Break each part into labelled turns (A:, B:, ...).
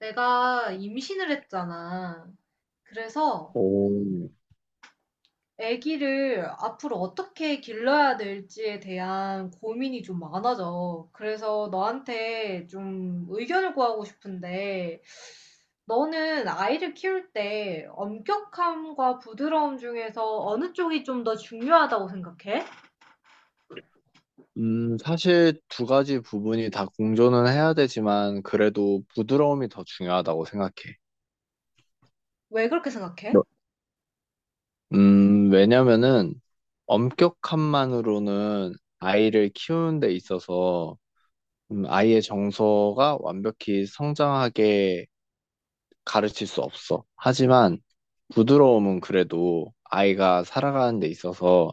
A: 내가 임신을 했잖아. 그래서
B: 오,
A: 아기를 앞으로 어떻게 길러야 될지에 대한 고민이 좀 많아져. 그래서 너한테 좀 의견을 구하고 싶은데, 너는 아이를 키울 때 엄격함과 부드러움 중에서 어느 쪽이 좀 더 중요하다고 생각해?
B: 사실 두 가지 부분이 다 공존은 해야 되지만 그래도 부드러움이 더 중요하다고 생각해.
A: 왜 그렇게 생각해?
B: 너- 왜냐면은 엄격함만으로는 아이를 키우는 데 있어서 아이의 정서가 완벽히 성장하게 가르칠 수 없어. 하지만 부드러움은 그래도 아이가 살아가는 데 있어서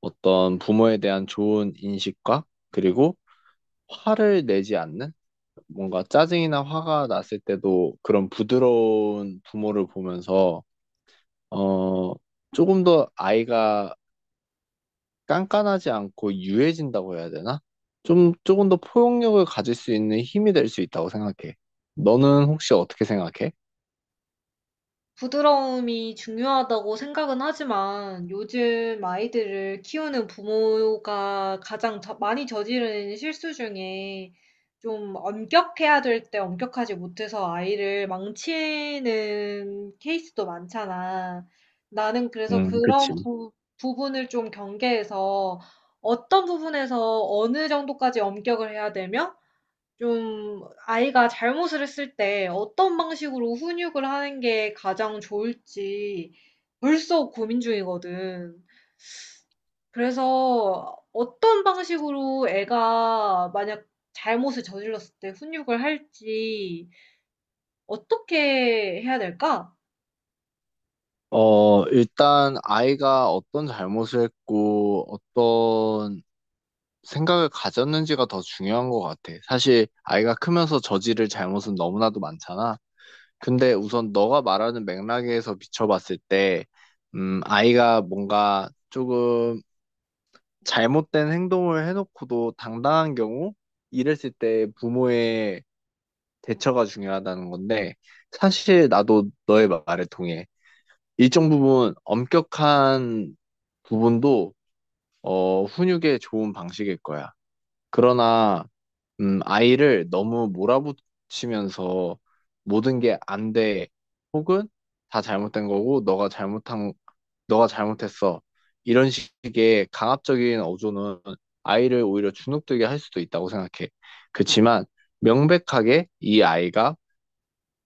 B: 어떤 부모에 대한 좋은 인식과 그리고 화를 내지 않는? 뭔가 짜증이나 화가 났을 때도 그런 부드러운 부모를 보면서, 어, 조금 더 아이가 깐깐하지 않고 유해진다고 해야 되나? 좀, 조금 더 포용력을 가질 수 있는 힘이 될 수 있다고 생각해. 너는 혹시 어떻게 생각해?
A: 부드러움이 중요하다고 생각은 하지만 요즘 아이들을 키우는 부모가 가장 많이 저지르는 실수 중에 좀 엄격해야 될 때 엄격하지 못해서 아이를 망치는 케이스도 많잖아. 나는 그래서
B: 그치.
A: 부분을 좀 경계해서 어떤 부분에서 어느 정도까지 엄격을 해야 되며 좀 아이가 잘못을 했을 때 어떤 방식으로 훈육을 하는 게 가장 좋을지 벌써 고민 중이거든. 그래서 어떤 방식으로 애가 만약 잘못을 저질렀을 때 훈육을 할지 어떻게 해야 될까?
B: 일단 아이가 어떤 잘못을 했고, 어떤 생각을 가졌는지가 더 중요한 것 같아. 사실 아이가 크면서 저지를 잘못은 너무나도 많잖아. 근데 우선 너가 말하는 맥락에서 비춰봤을 때, 아이가 뭔가 조금 잘못된 행동을 해놓고도 당당한 경우, 이랬을 때 부모의 대처가 중요하다는 건데, 사실 나도 너의 말에 동해. 일정 부분 엄격한 부분도, 훈육에 좋은 방식일 거야. 그러나, 아이를 너무 몰아붙이면서 모든 게 안 돼, 혹은 다 잘못된 거고, 너가 잘못했어. 이런 식의 강압적인 어조는 아이를 오히려 주눅들게 할 수도 있다고 생각해. 그렇지만 명백하게 이 아이가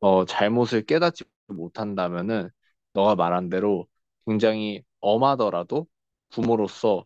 B: 잘못을 깨닫지 못한다면은 너가 말한 대로 굉장히 엄하더라도 부모로서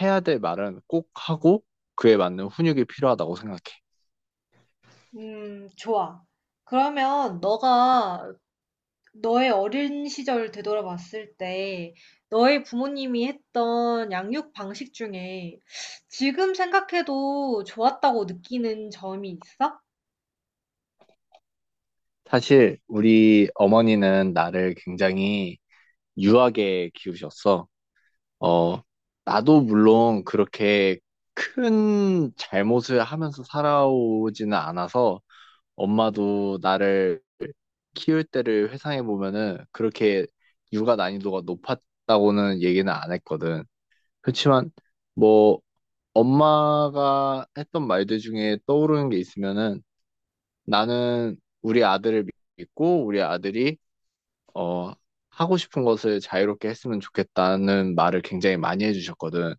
B: 해야 될 말은 꼭 하고 그에 맞는 훈육이 필요하다고 생각해.
A: 좋아. 그러면 너가 너의 어린 시절 되돌아봤을 때 너의 부모님이 했던 양육 방식 중에 지금 생각해도 좋았다고 느끼는 점이 있어?
B: 사실 우리 어머니는 나를 굉장히 유하게 키우셨어. 어, 나도 물론 그렇게 큰 잘못을 하면서 살아오지는 않아서 엄마도 나를 키울 때를 회상해 보면은 그렇게 육아 난이도가 높았다고는 얘기는 안 했거든. 그렇지만 뭐 엄마가 했던 말들 중에 떠오르는 게 있으면은 나는 우리 아들을 믿고 우리 아들이 어 하고 싶은 것을 자유롭게 했으면 좋겠다는 말을 굉장히 많이 해주셨거든.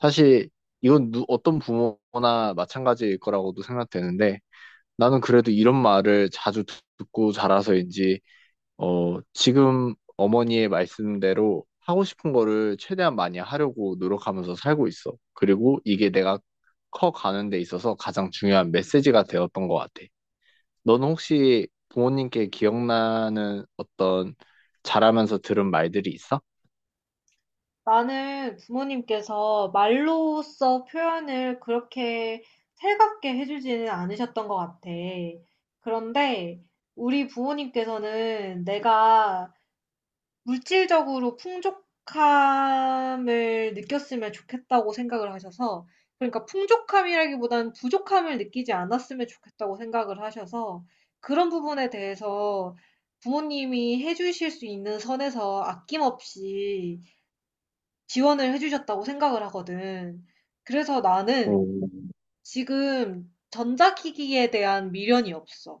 B: 사실 이건 어떤 부모나 마찬가지일 거라고도 생각되는데 나는 그래도 이런 말을 자주 듣고 자라서인지, 지금 어머니의 말씀대로 하고 싶은 거를 최대한 많이 하려고 노력하면서 살고 있어. 그리고 이게 내가 커가는 데 있어서 가장 중요한 메시지가 되었던 것 같아. 너는 혹시 부모님께 기억나는 어떤 자라면서 들은 말들이 있어?
A: 나는 부모님께서 말로써 표현을 그렇게 살갑게 해주지는 않으셨던 것 같아. 그런데 우리 부모님께서는 내가 물질적으로 풍족함을 느꼈으면 좋겠다고 생각을 하셔서, 그러니까 풍족함이라기보다는 부족함을 느끼지 않았으면 좋겠다고 생각을 하셔서 그런 부분에 대해서 부모님이 해 주실 수 있는 선에서 아낌없이 지원을 해 주셨다고 생각을 하거든. 그래서
B: 오,
A: 나는 지금 전자기기에 대한 미련이 없어.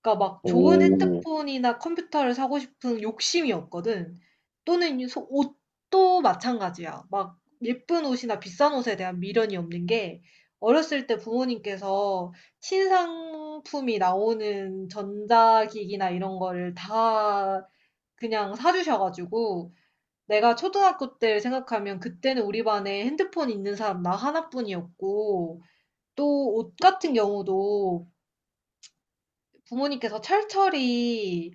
A: 그러니까 막 좋은
B: 오.
A: 핸드폰이나 컴퓨터를 사고 싶은 욕심이 없거든. 또는 이 소 옷도 마찬가지야. 막 예쁜 옷이나 비싼 옷에 대한 미련이 없는 게 어렸을 때 부모님께서 신상품이 나오는 전자기기나 이런 거를 다 그냥 사 주셔 가지고, 내가 초등학교 때를 생각하면 그때는 우리 반에 핸드폰 있는 사람 나 하나뿐이었고, 또 옷 같은 경우도 부모님께서 철철히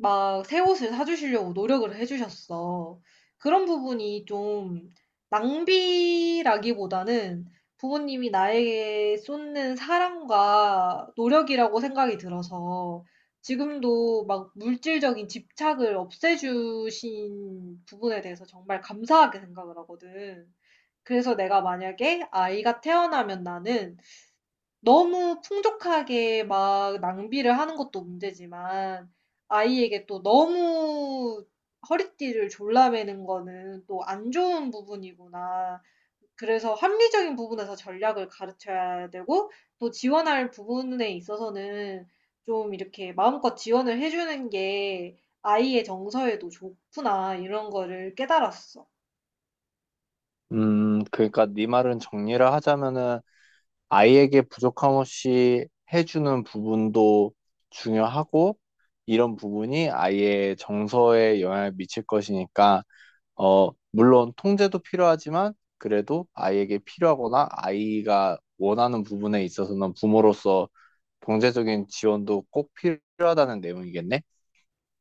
A: 막 새 옷을 사주시려고 노력을 해주셨어. 그런 부분이 좀 낭비라기보다는 부모님이 나에게 쏟는 사랑과 노력이라고 생각이 들어서 지금도 막 물질적인 집착을 없애주신 부분에 대해서 정말 감사하게 생각을 하거든. 그래서 내가 만약에 아이가 태어나면 나는 너무 풍족하게 막 낭비를 하는 것도 문제지만 아이에게 또 너무 허리띠를 졸라매는 거는 또 안 좋은 부분이구나. 그래서 합리적인 부분에서 전략을 가르쳐야 되고 또 지원할 부분에 있어서는 좀 이렇게 마음껏 지원을 해주는 게 아이의 정서에도 좋구나 이런 거를 깨달았어.
B: 그러니까 네 말은 정리를 하자면은 아이에게 부족함 없이 해주는 부분도 중요하고, 이런 부분이 아이의 정서에 영향을 미칠 것이니까, 물론 통제도 필요하지만, 그래도 아이에게 필요하거나 아이가 원하는 부분에 있어서는 부모로서 경제적인 지원도 꼭 필요하다는 내용이겠네?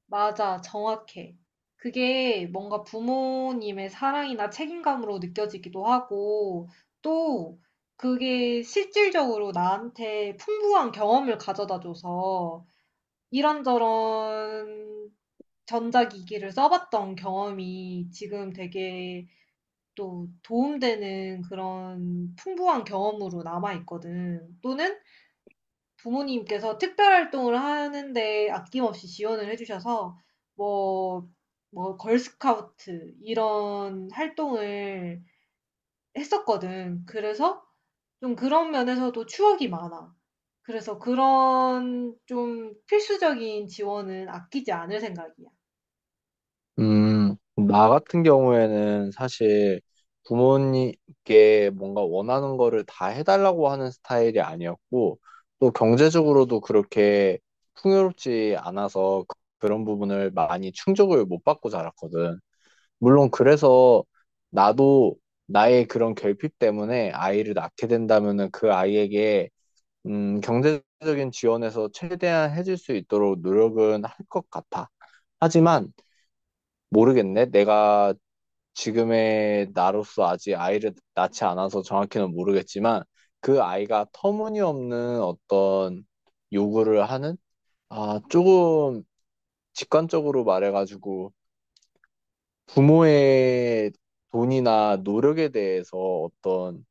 A: 맞아, 정확해. 그게 뭔가 부모님의 사랑이나 책임감으로 느껴지기도 하고, 또 그게 실질적으로 나한테 풍부한 경험을 가져다 줘서, 이런저런 전자기기를 써봤던 경험이 지금 되게 또 도움되는 그런 풍부한 경험으로 남아있거든. 또는 부모님께서 특별 활동을 하는데 아낌없이 지원을 해 주셔서 뭐 뭐 걸스카우트 이런 활동을 했었거든. 그래서 좀 그런 면에서도 추억이 많아. 그래서 그런 좀 필수적인 지원은 아끼지 않을 생각이야.
B: 나 같은 경우에는 사실 부모님께 뭔가 원하는 거를 다 해달라고 하는 스타일이 아니었고, 또 경제적으로도 그렇게 풍요롭지 않아서 그런 부분을 많이 충족을 못 받고 자랐거든. 물론 그래서 나도 나의 그런 결핍 때문에 아이를 낳게 된다면은 그 아이에게 경제적인 지원에서 최대한 해줄 수 있도록 노력은 할 것 같아. 하지만 모르겠네. 내가 지금의 나로서 아직 아이를 낳지 않아서 정확히는 모르겠지만 그 아이가 터무니없는 어떤 요구를 하는 아 조금 직관적으로 말해가지고 부모의 돈이나 노력에 대해서 어떤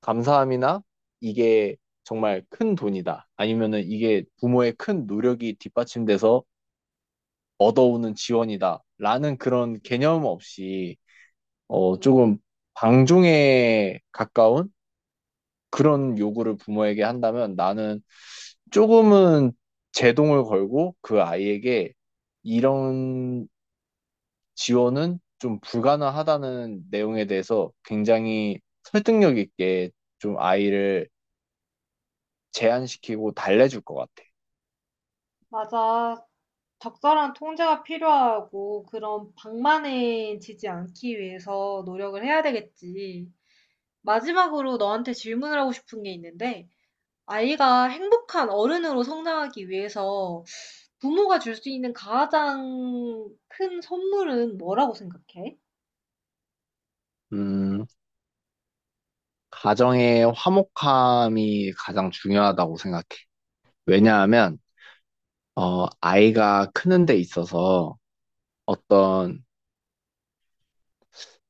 B: 감사함이나 이게 정말 큰 돈이다. 아니면은 이게 부모의 큰 노력이 뒷받침돼서 얻어오는 지원이다. 라는 그런 개념 없이 조금 방종에 가까운 그런 요구를 부모에게 한다면 나는 조금은 제동을 걸고 그 아이에게 이런 지원은 좀 불가능하다는 내용에 대해서 굉장히 설득력 있게 좀 아이를 제한시키고 달래줄 것 같아.
A: 맞아. 적절한 통제가 필요하고 그런 방만해지지 않기 위해서 노력을 해야 되겠지. 마지막으로 너한테 질문을 하고 싶은 게 있는데 아이가 행복한 어른으로 성장하기 위해서 부모가 줄 수 있는 가장 큰 선물은 뭐라고 생각해?
B: 음, 가정의 화목함이 가장 중요하다고 생각해. 왜냐하면, 아이가 크는 데 있어서 어떤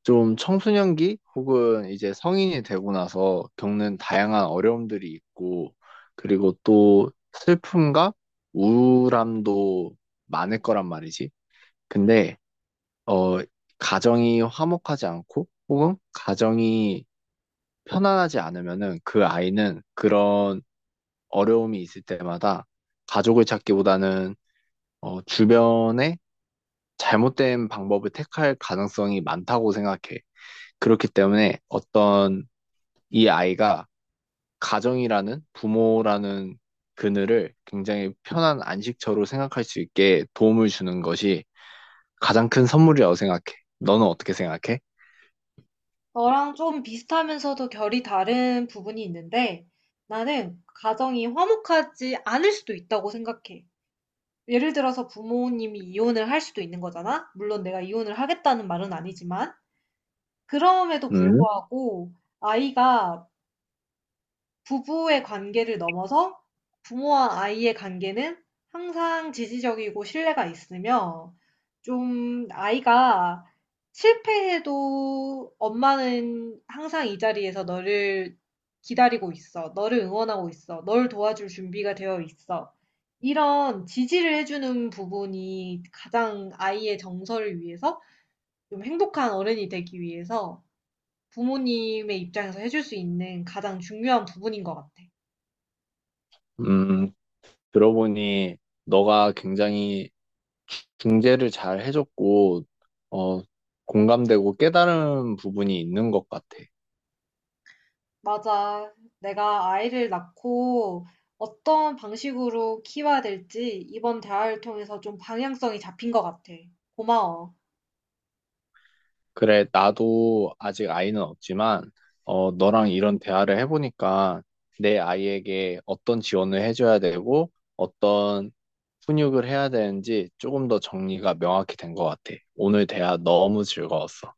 B: 좀 청소년기 혹은 이제 성인이 되고 나서 겪는 다양한 어려움들이 있고, 그리고 또 슬픔과 우울함도 많을 거란 말이지. 근데, 어, 가정이 화목하지 않고, 혹은 가정이 편안하지 않으면은 그 아이는 그런 어려움이 있을 때마다 가족을 찾기보다는 주변에 잘못된 방법을 택할 가능성이 많다고 생각해. 그렇기 때문에 어떤 이 아이가 가정이라는 부모라는 그늘을 굉장히 편한 안식처로 생각할 수 있게 도움을 주는 것이 가장 큰 선물이라고 생각해. 너는 어떻게 생각해?
A: 너랑 좀 비슷하면서도 결이 다른 부분이 있는데 나는 가정이 화목하지 않을 수도 있다고 생각해. 예를 들어서 부모님이 이혼을 할 수도 있는 거잖아? 물론 내가 이혼을 하겠다는 말은 아니지만. 그럼에도
B: 음,
A: 불구하고 아이가 부부의 관계를 넘어서 부모와 아이의 관계는 항상 지지적이고 신뢰가 있으며 좀 아이가 실패해도 엄마는 항상 이 자리에서 너를 기다리고 있어. 너를 응원하고 있어. 널 도와줄 준비가 되어 있어. 이런 지지를 해주는 부분이 가장 아이의 정서를 위해서 좀 행복한 어른이 되기 위해서 부모님의 입장에서 해줄 수 있는 가장 중요한 부분인 것 같아.
B: 음, 들어보니 너가 굉장히 중재를 잘 해줬고, 어, 공감되고 깨달은 부분이 있는 것 같아.
A: 맞아. 내가 아이를 낳고 어떤 방식으로 키워야 될지 이번 대화를 통해서 좀 방향성이 잡힌 것 같아. 고마워.
B: 그래, 나도 아직 아이는 없지만, 너랑 이런 대화를 해보니까 내 아이에게 어떤 지원을 해줘야 되고, 어떤 훈육을 해야 되는지 조금 더 정리가 명확히 된 것 같아. 오늘 대화 너무 즐거웠어.